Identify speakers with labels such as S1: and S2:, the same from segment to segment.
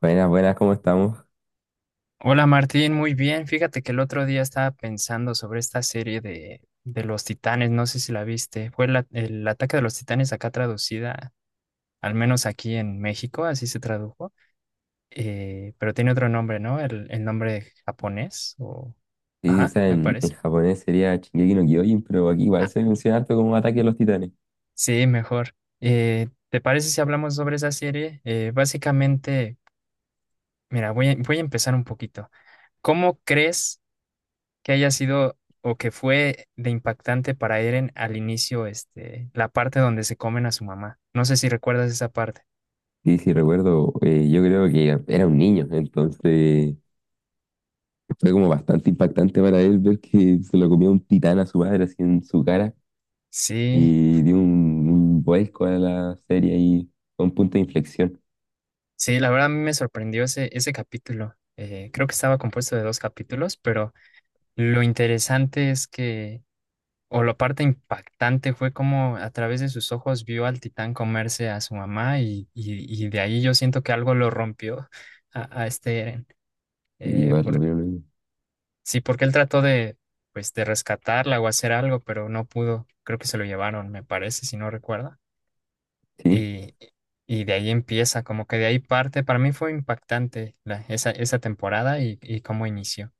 S1: Buenas, buenas, ¿cómo estamos?
S2: Hola Martín, muy bien. Fíjate que el otro día estaba pensando sobre esta serie de los Titanes, no sé si la viste. Fue el ataque de los Titanes acá traducida, al menos aquí en México, así se tradujo. Pero tiene otro nombre, ¿no? El nombre japonés o...
S1: Sí, o
S2: Ajá,
S1: sea,
S2: me
S1: en
S2: parece.
S1: japonés sería Shingeki no Kyojin, pero aquí igual
S2: Ah,
S1: se menciona harto como Ataque a los Titanes.
S2: sí, mejor. ¿Te parece si hablamos sobre esa serie? Básicamente, mira, voy a empezar un poquito. ¿Cómo crees que haya sido o que fue de impactante para Eren al inicio, este, la parte donde se comen a su mamá? No sé si recuerdas esa parte.
S1: Y si recuerdo, yo creo que era un niño, entonces fue como bastante impactante para él ver que se lo comió un titán a su madre así en su cara
S2: Sí,
S1: y dio un vuelco a la serie y fue un punto de inflexión.
S2: sí, la verdad a mí me sorprendió ese capítulo. Creo que estaba compuesto de dos capítulos, pero lo interesante es que, o la parte impactante fue como a través de sus ojos vio al titán comerse a su mamá, y de ahí yo siento que algo lo rompió a este Eren.
S1: Y
S2: Eh,
S1: igual, lo primero,
S2: Sí, porque él trató de, pues, de rescatarla o hacer algo, pero no pudo. Creo que se lo llevaron, me parece, si no recuerda.
S1: sí.
S2: Y, y de ahí empieza, como que de ahí parte. Para mí fue impactante esa, esa temporada y cómo inició.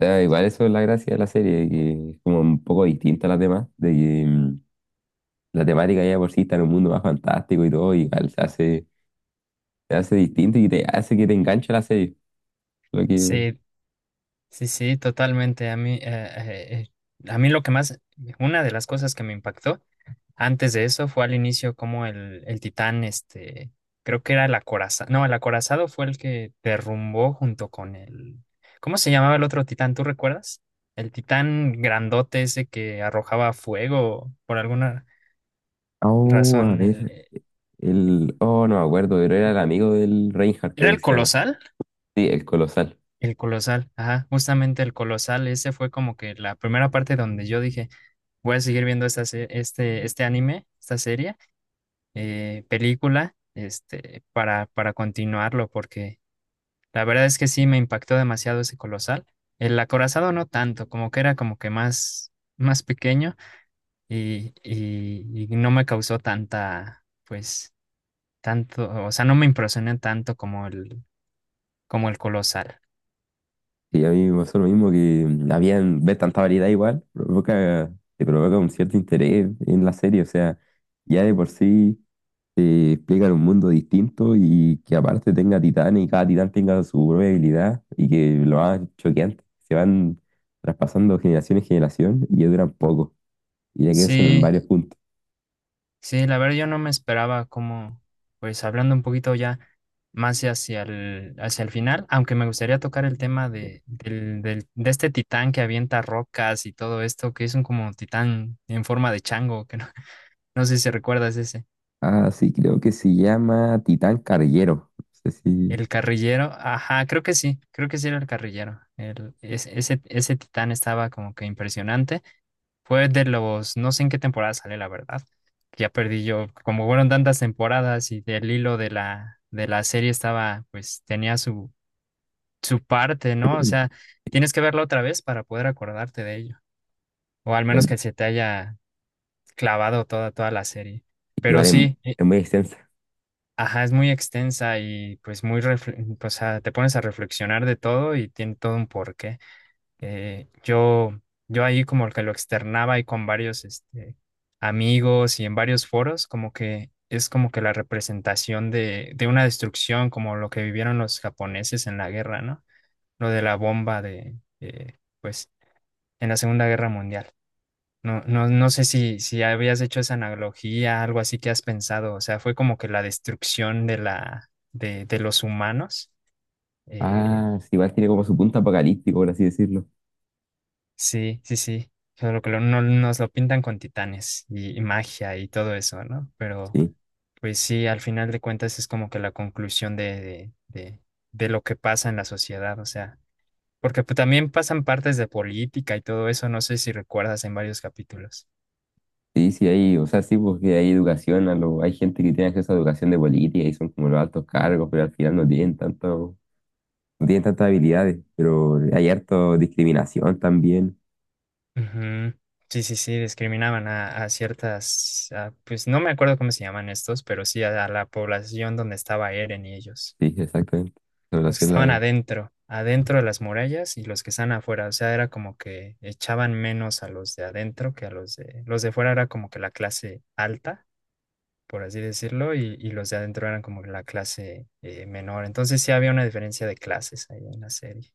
S1: O sea, igual eso es la gracia de la serie, que es como un poco distinta a las demás, de que la temática ya de por sí está en un mundo más fantástico y todo, y igual se hace distinto y te hace que te enganche la serie. Lo que...
S2: Sí, sí, sí, totalmente. A mí lo que más, una de las cosas que me impactó antes de eso fue al inicio como el Titán, este, creo que era el acorazado, no, el acorazado fue el que derrumbó junto con el, ¿cómo se llamaba el otro Titán? ¿Tú recuerdas? El Titán grandote ese que arrojaba fuego por alguna
S1: Oh, a
S2: razón, el,
S1: ver, Oh, no me acuerdo, pero era el amigo del Reinhardt,
S2: ¿era
S1: creo que
S2: el
S1: se llama.
S2: Colosal?
S1: Sí, el Colosal.
S2: El Colosal, ajá, justamente el Colosal, ese fue como que la primera parte donde yo dije, voy a seguir viendo esta, este, este anime, esta serie, película, este, para continuarlo, porque la verdad es que sí me impactó demasiado ese colosal. El acorazado no tanto, como que era como que más, más pequeño y no me causó tanta, pues, tanto, o sea, no me impresioné tanto como el colosal.
S1: Y a mí me pasó lo mismo que habían ver tanta variedad igual, te provoca un cierto interés en la serie, o sea, ya de por sí te explican un mundo distinto y que aparte tenga titanes y cada titán tenga su propia habilidad y que lo más choqueante, se van traspasando generación en generación y ya duran poco, y ya que son en
S2: Sí,
S1: varios puntos.
S2: sí, la verdad yo no me esperaba como, pues, hablando un poquito ya más hacia el final, aunque me gustaría tocar el tema de, de este titán que avienta rocas y todo esto, que es un como titán en forma de chango, que no. No sé si recuerdas ese.
S1: Ah, sí, creo que se llama Titán Carguero. No sé si...
S2: El carrillero. Ajá, creo que sí. Creo que sí era el carrillero. El, ese titán estaba como que impresionante. Fue de los, no sé en qué temporada sale, la verdad. Ya perdí yo. Como fueron tantas temporadas y del hilo de de la serie estaba, pues tenía su, su parte, ¿no? O sea, tienes que verla otra vez para poder acordarte de ello. O al menos
S1: el-
S2: que se te haya clavado toda, toda la serie. Pero
S1: Igual
S2: sí.
S1: es muy extensa.
S2: Ajá, es muy extensa y pues muy, o sea, te pones a reflexionar de todo y tiene todo un porqué. Eh, yo, yo ahí como que lo externaba y con varios este, amigos y en varios foros, como que es como que la representación de una destrucción, como lo que vivieron los japoneses en la guerra, ¿no? Lo de la bomba de, pues, en la Segunda Guerra Mundial. No sé si habías hecho esa analogía, algo así que has pensado. O sea, fue como que la destrucción de de los humanos. Eh,
S1: Ah, sí, igual tiene como su punto apocalíptico, por así decirlo.
S2: sí, sí, sí. Solo que no, nos lo pintan con titanes y magia y todo eso, ¿no? Pero
S1: Sí,
S2: pues sí, al final de cuentas es como que la conclusión de lo que pasa en la sociedad. O sea, porque pues, también pasan partes de política y todo eso, no sé si recuerdas en varios capítulos.
S1: sí, sí, hay, o sea, sí, porque hay educación, hay gente que tiene acceso a educación de política y son como los altos cargos, pero al final no tienen tanto no tienen tantas habilidades, pero hay harto discriminación también.
S2: Ujú. Sí, sí, sí, discriminaban a ciertas, pues no me acuerdo cómo se llaman estos, pero sí a la población donde estaba Eren y ellos.
S1: Sí, exactamente.
S2: Los que
S1: Población
S2: estaban
S1: la...
S2: adentro, adentro de las murallas y los que estaban afuera. O sea, era como que echaban menos a los de adentro que a los de... Los de fuera era como que la clase alta, por así decirlo, y los de adentro eran como que la clase menor. Entonces sí había una diferencia de clases ahí en la serie.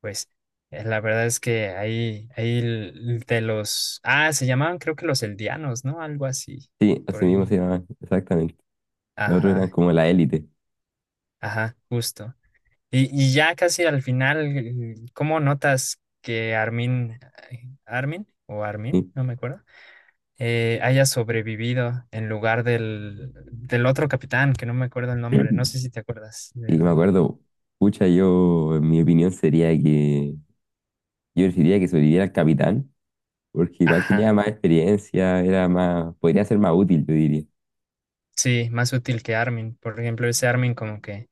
S2: Pues la verdad es que ahí, ahí de los, ah, se llamaban creo que los eldianos, ¿no? Algo así,
S1: Sí,
S2: por
S1: así mismo se
S2: ahí.
S1: llamaban, exactamente. Los otros eran
S2: Ajá,
S1: como la élite,
S2: ajá, justo. Y ya casi al final, ¿cómo notas que Armin, Armin o Armin,
S1: ¿sí?
S2: no me acuerdo, haya sobrevivido en lugar del otro capitán, que no me acuerdo el nombre, no sé si te acuerdas,
S1: Y me
S2: del...
S1: acuerdo, pucha, yo, en mi opinión sería que yo preferiría que sobreviviera el capitán, porque igual tenía
S2: Ajá,
S1: más experiencia, era más, podría ser más útil, yo diría.
S2: sí, más útil que Armin. Por ejemplo, ese Armin como que...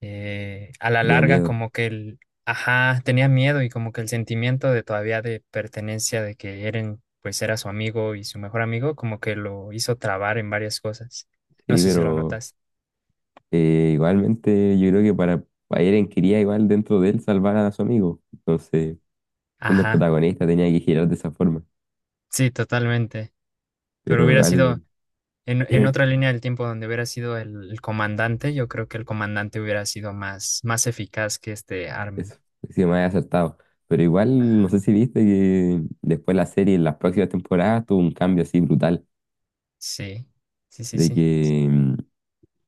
S2: a la
S1: Tenía
S2: larga
S1: miedo,
S2: como que el, ajá, tenía miedo y como que el sentimiento de todavía de pertenencia de que Eren pues era su amigo y su mejor amigo como que lo hizo trabar en varias cosas. No
S1: sí,
S2: sé si lo
S1: pero
S2: notas.
S1: igualmente yo creo que para Eren quería igual dentro de él salvar a su amigo. Entonces, siendo el
S2: Ajá,
S1: protagonista tenía que girar de esa forma.
S2: sí, totalmente. Pero
S1: Pero
S2: hubiera
S1: igual,
S2: sido en otra línea del tiempo donde hubiera sido el comandante, yo creo que el comandante hubiera sido más, más eficaz que este Armin.
S1: eso, sí me había acertado. Pero igual, no
S2: Ajá,
S1: sé si viste que después la serie, en las próximas temporadas, tuvo un cambio así brutal,
S2: sí, sí, sí,
S1: de
S2: sí.
S1: que mm,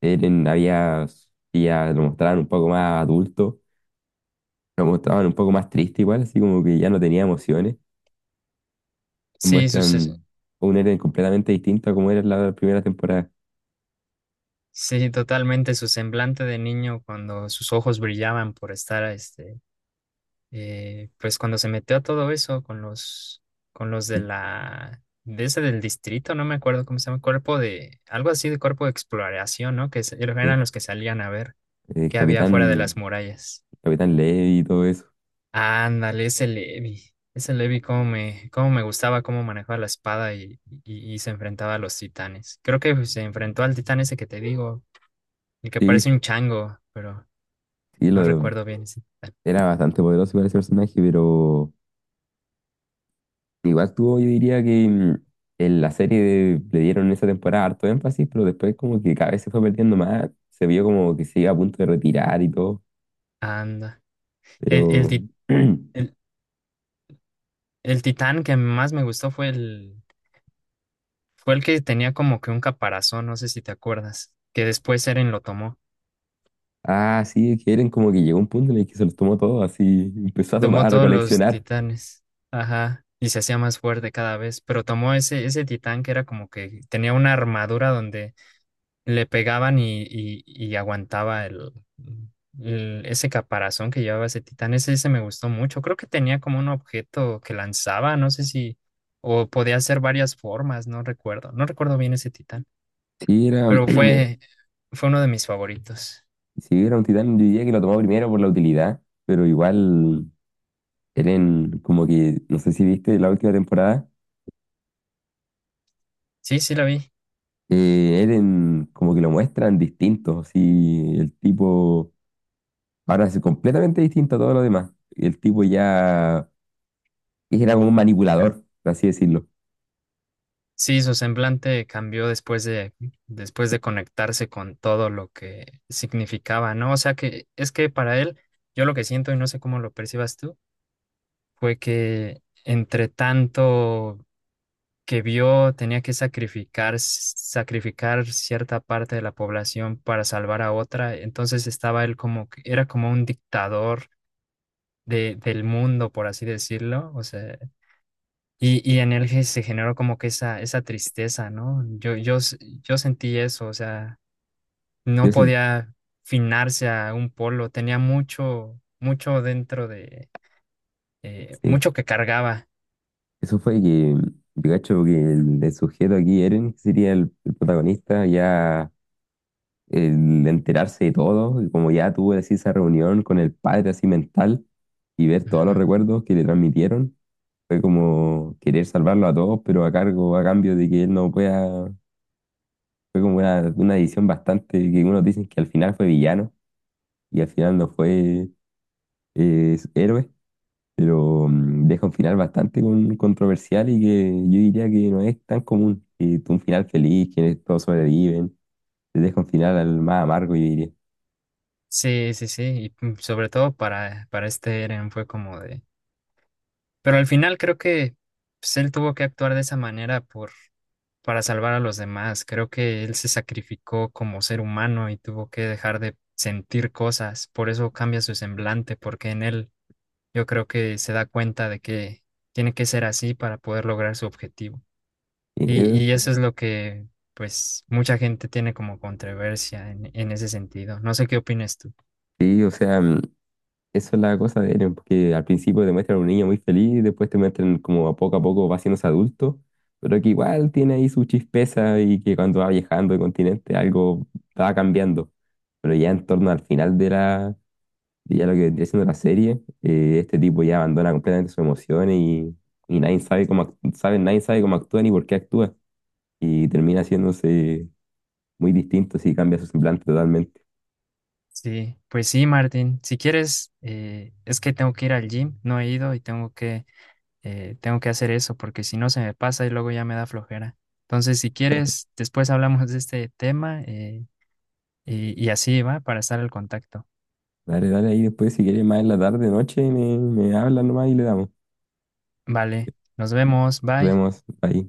S1: Eren había, sí, ya lo mostraban un poco más adulto, lo mostraban un poco más triste igual, así como que ya no tenía emociones.
S2: Sí, sus.
S1: Muestran un Eren completamente distinto a como era en la primera temporada.
S2: Sí, totalmente. Su semblante de niño cuando sus ojos brillaban por estar, este, pues cuando se metió a todo eso con los de
S1: Sí,
S2: la, de ese del distrito, no me acuerdo cómo se llama, cuerpo de, algo así de cuerpo de exploración, ¿no?
S1: sí,
S2: Eran los que salían a ver
S1: El
S2: qué había fuera de las
S1: capitán,
S2: murallas.
S1: capitán Levi y todo eso.
S2: Ándale, ese Levi, cómo me gustaba cómo manejaba la espada y se enfrentaba a los titanes. Creo que se enfrentó al titán ese que te digo, el que parece
S1: Sí,
S2: un chango, pero.
S1: sí,
S2: No
S1: lo,
S2: recuerdo bien ese titán.
S1: era bastante poderoso igual ese personaje, pero... Igual tuvo, yo diría que mm, en la le dieron esa temporada harto énfasis, pero después como que cada vez se fue perdiendo más, se vio como que se iba a punto de retirar y todo,
S2: Anda. El, el,
S1: pero...
S2: ti- el- el titán que más me gustó fue el que tenía como que un caparazón, no sé si te acuerdas, que después Eren lo tomó.
S1: Ah, sí, es que Eren como que llegó a un punto en el que se los tomó todo, así empezó a tomar,
S2: Tomó
S1: a
S2: todos los
S1: recoleccionar.
S2: titanes. Ajá. Y se hacía más fuerte cada vez. Pero tomó ese titán que era como que tenía una armadura donde le pegaban y aguantaba ese caparazón que llevaba ese titán. Ese me gustó mucho. Creo que tenía como un objeto que lanzaba, no sé si, o podía hacer varias formas, no recuerdo. No recuerdo bien ese titán,
S1: Si era,
S2: pero
S1: era-
S2: fue, fue uno de mis favoritos.
S1: si era un titán, yo diría que lo tomó primero por la utilidad, pero igual Eren como que, no sé si viste la última temporada,
S2: Sí, sí la vi.
S1: Eren como que lo muestran distinto, así el tipo Ahora es completamente distinto a todo lo demás. El tipo ya era como un manipulador, por así decirlo.
S2: Sí, su semblante cambió después de conectarse con todo lo que significaba, ¿no? O sea que es que para él, yo lo que siento y no sé cómo lo percibas tú fue que entre tanto que vio tenía que sacrificar, sacrificar cierta parte de la población para salvar a otra, entonces estaba él como, era como un dictador de, del mundo, por así decirlo, o sea, y en él se generó como que esa tristeza, ¿no? Yo sentí eso, o sea, no
S1: Yo sen-
S2: podía finarse a un polo, tenía mucho, mucho dentro de,
S1: sí,
S2: mucho que cargaba.
S1: eso fue que yo cacho que el sujeto aquí, Eren, que sería el protagonista, ya el enterarse de todo, y como ya tuvo así esa reunión con el padre así mental y ver todos los recuerdos que le transmitieron, fue como querer salvarlo a todos, pero a cargo, a cambio de que él no pueda, fue como una decisión bastante que unos dicen que al final fue villano y al final no fue es héroe, pero deja un final bastante controversial y que yo diría que no es tan común. Un final feliz, que todos sobreviven, te deja un final al más amargo, yo diría.
S2: Sí, sí, sí, y mm, sobre todo para este Eren fue como de... Pero al final creo que pues, él tuvo que actuar de esa manera por, para salvar a los demás. Creo que él se sacrificó como ser humano y tuvo que dejar de sentir cosas. Por eso cambia su semblante, porque en él yo creo que se da cuenta de que tiene que ser así para poder lograr su objetivo.
S1: Eh, eh,
S2: Y eso es lo que pues mucha gente tiene como controversia en ese sentido. No sé qué opinas tú.
S1: sí, o sea, eso es la cosa de héroe, porque al principio te muestran a un niño muy feliz, después te muestran como a poco va haciéndose adulto, pero que igual tiene ahí su chispeza y que cuando va viajando de continente algo va cambiando. Pero ya en torno al final de la Y ya lo que vendría siendo la serie, este tipo ya abandona completamente sus emociones y nadie sabe nadie sabe cómo actúa ni por qué actúa. Y termina haciéndose muy distinto si cambia su semblante totalmente.
S2: Sí, pues sí, Martín. Si quieres, es que tengo que ir al gym, no he ido y tengo que hacer eso porque si no se me pasa y luego ya me da flojera. Entonces, si quieres, después hablamos de este tema y así va para estar al contacto.
S1: Dale, dale ahí después, si quieres más en la tarde, noche, me hablas nomás y le damos.
S2: Vale, nos vemos,
S1: Nos
S2: bye.
S1: vemos ahí.